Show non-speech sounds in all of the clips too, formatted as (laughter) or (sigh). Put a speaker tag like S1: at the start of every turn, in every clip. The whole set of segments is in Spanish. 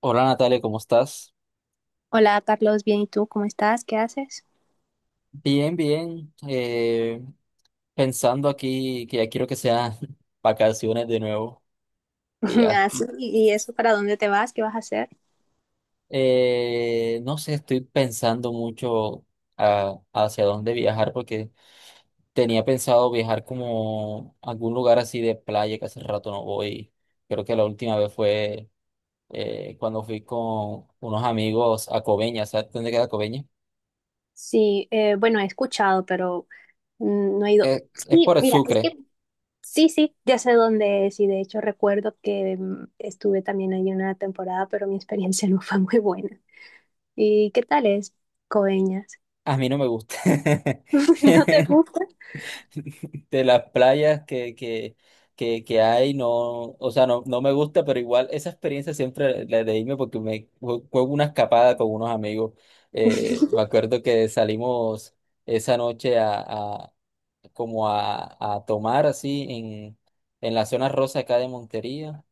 S1: Hola Natalia, ¿cómo estás?
S2: Hola Carlos, bien, ¿y tú cómo estás? ¿Qué haces?
S1: Bien, bien. Pensando aquí que ya quiero que sean (laughs) vacaciones de nuevo. que
S2: (laughs)
S1: ya-
S2: Ah, sí, ¿Y eso para dónde te vas? ¿Qué vas a hacer?
S1: no sé, estoy pensando mucho hacia dónde viajar, porque tenía pensado viajar como a algún lugar así de playa que hace rato no voy. Creo que la última vez fue cuando fui con unos amigos a Coveñas. ¿Sabes dónde queda Coveñas?
S2: Sí, bueno, he escuchado, pero no he ido.
S1: Es
S2: Sí,
S1: por el
S2: mira, es
S1: Sucre.
S2: que sí, sí, ya sé dónde es y de hecho recuerdo que estuve también ahí una temporada, pero mi experiencia (laughs) no fue muy buena. ¿Y qué tal es Coeñas?
S1: A mí no me gusta.
S2: (laughs) ¿No te
S1: (laughs)
S2: gusta?
S1: (laughs) De las playas que hay, no, o sea, no, no me gusta, pero igual esa experiencia siempre la de irme, porque me fue una escapada con unos amigos. Me acuerdo que salimos esa noche como a tomar así en la zona rosa acá de Montería.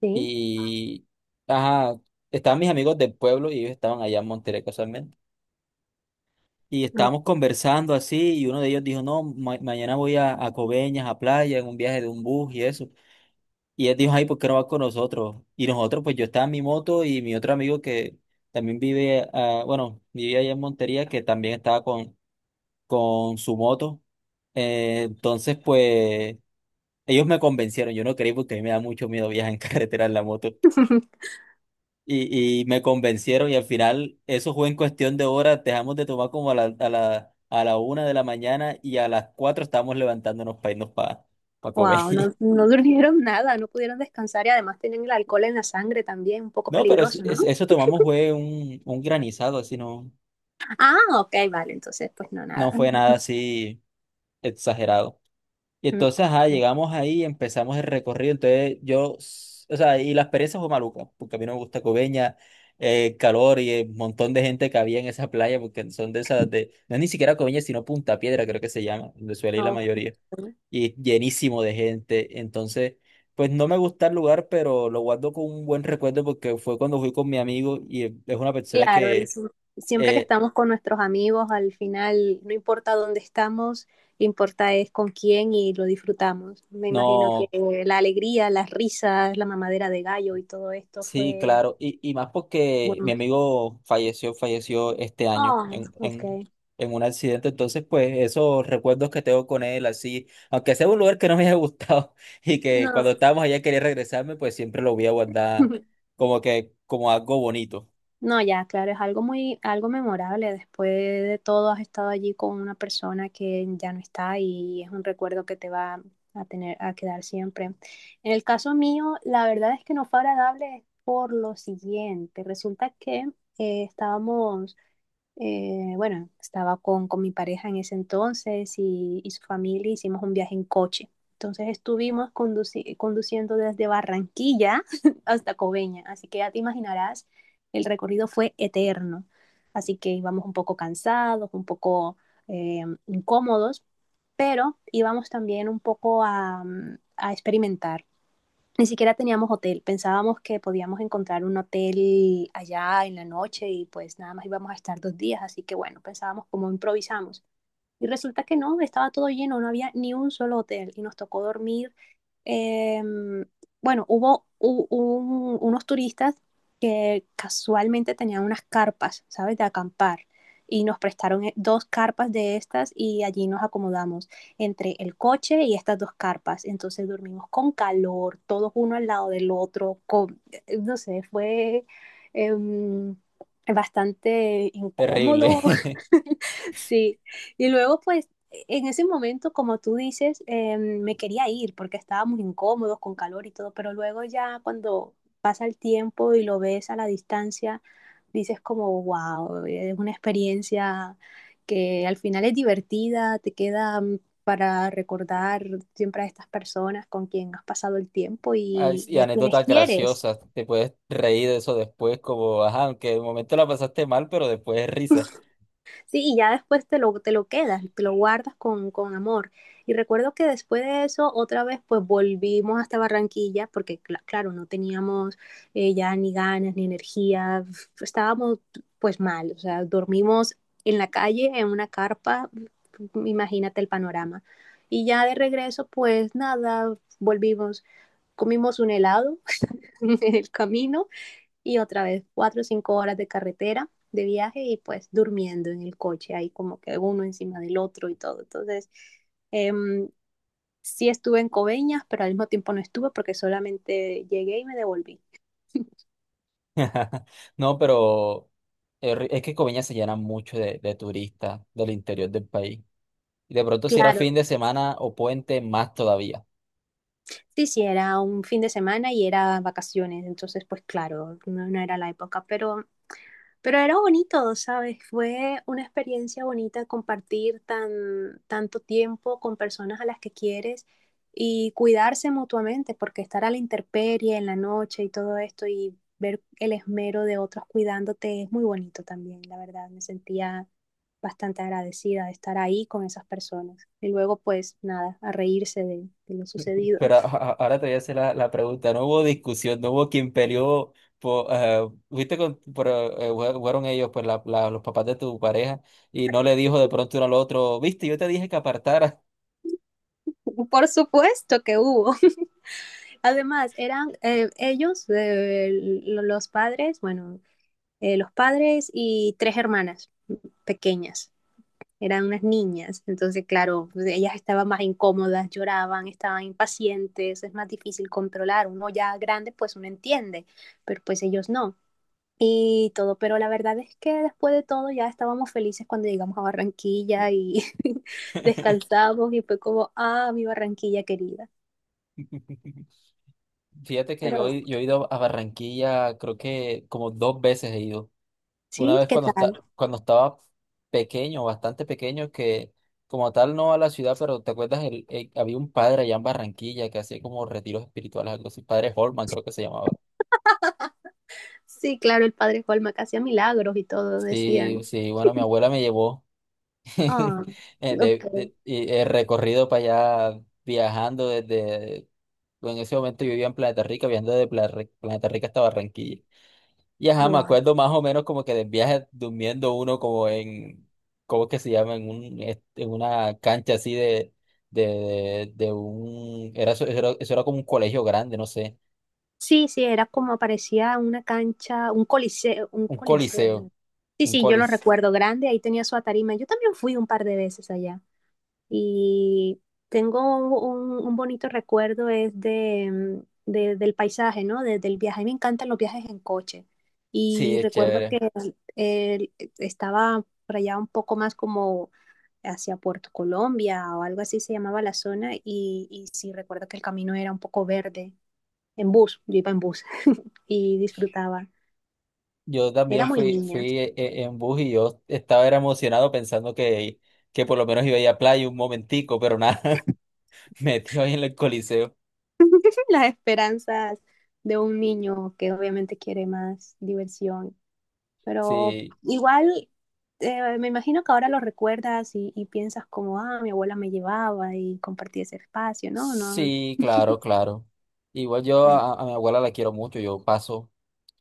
S2: Sí,
S1: Y ajá, estaban mis amigos del pueblo y ellos estaban allá en Montería casualmente. Y estábamos
S2: ok.
S1: conversando así y uno de ellos dijo, no, mañana voy a Coveñas, a playa, en un viaje de un bus y eso. Y él dijo, ay, ¿por qué no vas con nosotros? Y nosotros, pues yo estaba en mi moto y mi otro amigo que también vive, ah, bueno, vivía allá en Montería, que también estaba con su moto. Entonces, pues ellos me convencieron, yo no creí porque a mí me da mucho miedo viajar en (laughs) carretera en la moto.
S2: (laughs)
S1: Y me convencieron y al final eso fue en cuestión de horas, dejamos de tomar como a la 1 de la mañana y a las 4 estábamos levantándonos para irnos para comer.
S2: Wow, no,
S1: (laughs)
S2: no durmieron nada, no pudieron descansar y además tenían el alcohol en la sangre también, un poco
S1: No, pero
S2: peligroso, ¿no?
S1: eso tomamos fue un granizado, así no,
S2: Ah, ok, vale, entonces pues no,
S1: no
S2: nada.
S1: fue nada
S2: (laughs)
S1: así exagerado. Y
S2: Mm.
S1: entonces, ajá, llegamos ahí y empezamos el recorrido. Entonces, yo, o sea, y la experiencia fue maluca, porque a mí no me gusta Coveña, el calor y el montón de gente que había en esa playa, porque son de esas de, no es ni siquiera Coveña, sino Punta Piedra, creo que se llama, donde suele ir la
S2: Ok.
S1: mayoría. Y es llenísimo de gente. Entonces, pues no me gusta el lugar, pero lo guardo con un buen recuerdo porque fue cuando fui con mi amigo y es una persona
S2: Claro,
S1: que
S2: siempre que
S1: eh,
S2: estamos con nuestros amigos, al final, no importa dónde estamos, lo importa es con quién y lo disfrutamos. Me imagino que
S1: no.
S2: la alegría, las risas, la mamadera de gallo y todo esto
S1: Sí,
S2: fue
S1: claro, y más porque mi
S2: bueno.
S1: amigo falleció, falleció este año
S2: Ah, ok.
S1: en un accidente, entonces pues esos recuerdos que tengo con él, así, aunque sea un lugar que no me haya gustado (laughs) y que
S2: No.
S1: cuando estábamos allá quería regresarme, pues siempre lo voy a guardar
S2: (laughs)
S1: como que como algo bonito,
S2: No, ya, claro, es algo muy, algo memorable. Después de todo, has estado allí con una persona que ya no está y es un recuerdo que te va a tener, a quedar siempre. En el caso mío, la verdad es que no fue agradable por lo siguiente. Resulta que estábamos bueno, estaba con mi pareja en ese entonces y su familia, hicimos un viaje en coche. Entonces estuvimos conduciendo desde Barranquilla (laughs) hasta Coveña, así que ya te imaginarás, el recorrido fue eterno. Así que íbamos un poco cansados, un poco incómodos, pero íbamos también un poco a, a experimentar. Ni siquiera teníamos hotel, pensábamos que podíamos encontrar un hotel allá en la noche y pues nada más íbamos a estar dos días, así que bueno, pensábamos cómo improvisamos. Y resulta que no, estaba todo lleno, no había ni un solo hotel y nos tocó dormir eh, bueno, hubo unos turistas que casualmente tenían unas carpas, ¿sabes? De acampar. Y nos prestaron dos carpas de estas y allí nos acomodamos entre el coche y estas dos carpas. Entonces dormimos con calor, todos uno al lado del otro, con, no sé, fue em, bastante
S1: terrible.
S2: incómodo.
S1: (laughs)
S2: (laughs) Sí. Y luego pues en ese momento, como tú dices, me quería ir porque estábamos incómodos con calor y todo, pero luego ya cuando pasa el tiempo y lo ves a la distancia, dices como, wow, es una experiencia que al final es divertida, te queda para recordar siempre a estas personas con quien has pasado el tiempo
S1: Ay,
S2: y,
S1: y
S2: y a quienes
S1: anécdotas
S2: quieres.
S1: graciosas, te puedes reír de eso después, como, ajá, aunque de momento la pasaste mal, pero después es risa.
S2: Sí, y ya después te lo quedas, te lo guardas con amor. Y recuerdo que después de eso, otra vez, pues volvimos hasta Barranquilla, porque claro, no teníamos ya ni ganas ni energía, estábamos pues mal, o sea, dormimos en la calle, en una carpa, imagínate el panorama. Y ya de regreso, pues nada, volvimos, comimos un helado (laughs) en el camino y otra vez 4 o 5 horas de carretera, de viaje y pues durmiendo en el coche, ahí como que uno encima del otro y todo. Entonces, eh, sí estuve en Coveñas, pero al mismo tiempo no estuve porque solamente llegué y me devolví.
S1: (laughs) No, pero es que Coveña se llena mucho de turistas del interior del país. Y de pronto si era
S2: Claro,
S1: fin de semana o puente, más todavía.
S2: sí, sí, era un fin de semana y era vacaciones, entonces pues claro, no, no era la época, pero era bonito, ¿sabes? Fue una experiencia bonita compartir tan, tanto tiempo con personas a las que quieres y cuidarse mutuamente, porque estar a la intemperie en la noche y todo esto y ver el esmero de otros cuidándote es muy bonito también, la verdad. Me sentía bastante agradecida de estar ahí con esas personas. Y luego, pues nada, a reírse de lo sucedido.
S1: Pero ahora te voy a hacer la pregunta. No hubo discusión, no hubo quien peleó. Por, viste, con, por, fueron ellos, pues los papás de tu pareja, y no le dijo de pronto uno al otro, viste, yo te dije que apartara.
S2: (laughs) Por supuesto que hubo. (laughs) Además, eran ellos, los padres, bueno, los padres y 3 hermanas pequeñas. Eran unas niñas, entonces claro, pues, ellas estaban más incómodas, lloraban, estaban impacientes, es más difícil controlar. Uno ya grande pues uno entiende, pero pues ellos no y todo, pero la verdad es que después de todo ya estábamos felices cuando llegamos a Barranquilla y (laughs) descansamos y fue como, ah, mi Barranquilla querida.
S1: (laughs) Fíjate que
S2: Pero
S1: yo he ido a Barranquilla, creo que como dos veces he ido. Una
S2: sí,
S1: vez
S2: ¿qué
S1: cuando,
S2: tal?
S1: cuando estaba pequeño, bastante pequeño, que como tal no a la ciudad, pero ¿te acuerdas? Había un padre allá en Barranquilla que hacía como retiros espirituales, algo así, padre Holman creo que se llamaba.
S2: Sí, claro, el padre Colma que hacía milagros y todo, decían,
S1: Sí, sí, bueno, mi abuela me llevó (laughs)
S2: ah,
S1: eh,
S2: ok,
S1: y el recorrido para allá viajando desde, en ese momento yo vivía en Planeta Rica, viajando desde Planeta Rica hasta Barranquilla. Y ajá, me
S2: wow.
S1: acuerdo más o menos como que del viaje durmiendo uno como en, ¿cómo es que se llama? En un, en una cancha así de un, era, eso era, eso era como un colegio grande, no sé,
S2: Sí, sí, era como parecía una cancha, un coliseo, un
S1: un
S2: coliseo.
S1: coliseo,
S2: ¿No? Sí,
S1: un
S2: sí, yo lo
S1: colis.
S2: recuerdo grande, ahí tenía su tarima. Yo también fui un par de veces allá y tengo un bonito recuerdo es de, del paisaje, ¿no? Del viaje. A mí me encantan los viajes en coche
S1: Sí,
S2: y
S1: es
S2: recuerdo
S1: chévere.
S2: que eh, estaba por allá un poco más como hacia Puerto Colombia o algo así se llamaba la zona y sí recuerdo que el camino era un poco verde en bus, yo iba en bus (laughs) y disfrutaba.
S1: Yo
S2: Era
S1: también
S2: muy
S1: fui,
S2: niña.
S1: fui en bus y yo estaba era emocionado pensando que por lo menos iba a ir a playa un momentico, pero nada, (laughs) metido ahí en el coliseo.
S2: (laughs) Las esperanzas de un niño que obviamente quiere más diversión, pero
S1: Sí,
S2: igual me imagino que ahora lo recuerdas y piensas como, ah, mi abuela me llevaba y compartí ese espacio, ¿no? No.
S1: sí, claro, claro. Igual yo a mi abuela la quiero mucho, yo paso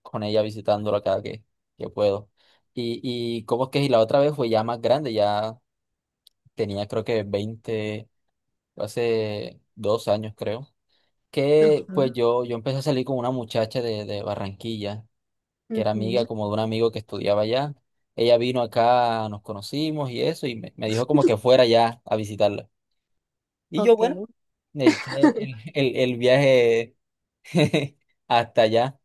S1: con ella visitándola cada que puedo. Y cómo es que y la otra vez fue ya más grande, ya tenía creo que 20, hace 2 años creo, que pues
S2: Ujú,
S1: yo empecé a salir con una muchacha de Barranquilla, que era
S2: ujú.
S1: amiga como de un amigo que estudiaba allá. Ella vino acá, nos conocimos y eso, me dijo como que fuera ya a visitarla. Y yo, bueno,
S2: Ok.
S1: me eché
S2: (laughs)
S1: el viaje (laughs) hasta allá.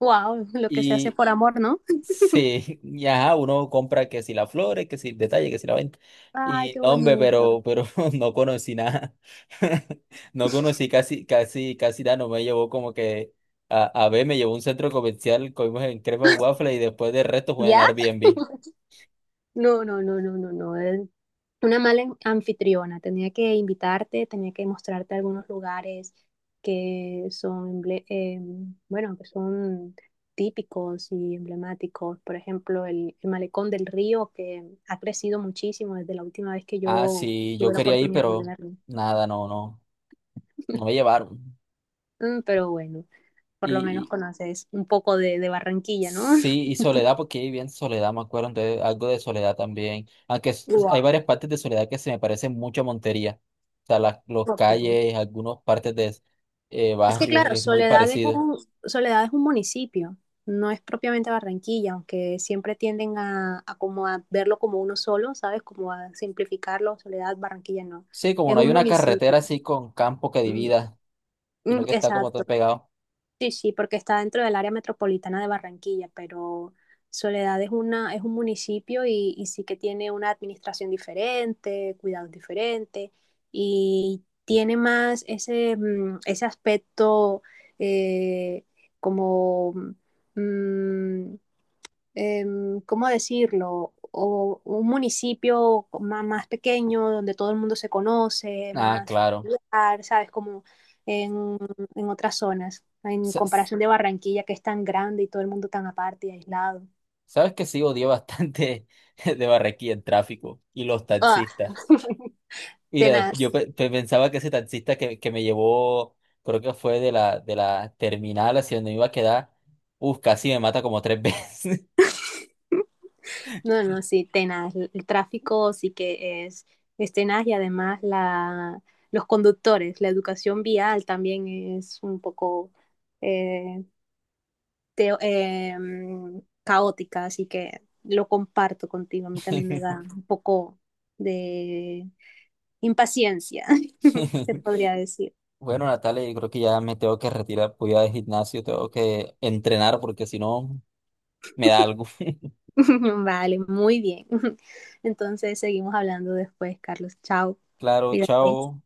S2: Wow, lo que se hace
S1: Y
S2: por amor, ¿no?
S1: sí, (laughs) y ajá, uno compra que si las flores, que si el detalle, que si la venta.
S2: Ay,
S1: Y
S2: qué
S1: no, hombre,
S2: bonito.
S1: pero (laughs) no conocí nada. (laughs) No conocí casi, casi, casi nada. No me llevó como que a ver, me llevó a un centro comercial, comimos en Crepa and Waffle y después del resto fue en
S2: ¿Ya?
S1: el Airbnb.
S2: (laughs) No, no, no, no, no, no. Una mala anfitriona. Tenía que invitarte, tenía que mostrarte algunos lugares que son, bueno, que son típicos y emblemáticos. Por ejemplo, el Malecón del Río, que ha crecido muchísimo desde la última vez que
S1: Ah,
S2: yo
S1: sí, yo
S2: tuve la
S1: quería ir,
S2: oportunidad de
S1: pero
S2: verlo.
S1: nada, no, no, no me llevaron.
S2: Mm, pero bueno, por lo menos conoces un poco de Barranquilla, ¿no?
S1: Sí,
S2: (laughs)
S1: y Soledad, porque ahí bien Soledad, me acuerdo, entonces, algo de Soledad también. Aunque hay
S2: Wow.
S1: varias partes de Soledad que se me parecen mucho a Montería. O sea, las los
S2: Ok.
S1: calles, algunas partes de
S2: Es que
S1: barrios,
S2: claro,
S1: es muy parecido.
S2: Soledad es un municipio, no es propiamente Barranquilla, aunque siempre tienden a como a verlo como uno solo, ¿sabes? Como a simplificarlo, Soledad, Barranquilla no.
S1: Sí, como
S2: Es
S1: no hay
S2: un
S1: una
S2: municipio.
S1: carretera así con campo que
S2: Mm,
S1: divida, sino
S2: mm,
S1: que está como
S2: exacto.
S1: todo pegado.
S2: Sí, sí, porque está dentro del área metropolitana de Barranquilla, pero Soledad es una, es un municipio y sí que tiene una administración diferente, cuidados diferentes, y tiene más ese, ese aspecto eh, como mm, ¿cómo decirlo? O un municipio más, pequeño donde todo el mundo se conoce,
S1: Ah,
S2: más
S1: claro.
S2: familiar, ¿sabes? Como en, en otras zonas, en
S1: Sa- s-
S2: comparación de Barranquilla, que es tan grande y todo el mundo tan aparte y aislado.
S1: Sabes que sí odié bastante (laughs) de Barranquilla el tráfico y los
S2: ¡Ah!
S1: taxistas.
S2: (laughs)
S1: Mira, yo
S2: Tenaz.
S1: pensaba que ese taxista que me llevó, creo que fue de de la terminal hacia donde me iba a quedar, uf, casi me mata como tres veces.
S2: No, no, sí, tenaz. El tráfico sí que es tenaz y además la, los conductores, la educación vial también es un poco... eh, caótica, así que lo comparto contigo. A mí también me da
S1: (laughs)
S2: un poco de impaciencia, (laughs) se podría decir.
S1: Bueno, Natalia, yo creo que ya me tengo que retirar, voy al gimnasio, tengo que entrenar porque si no me da algo. (laughs)
S2: (laughs) Vale, muy bien. (laughs) Entonces seguimos hablando después, Carlos. Chao.
S1: Claro,
S2: Cuídate.
S1: chao.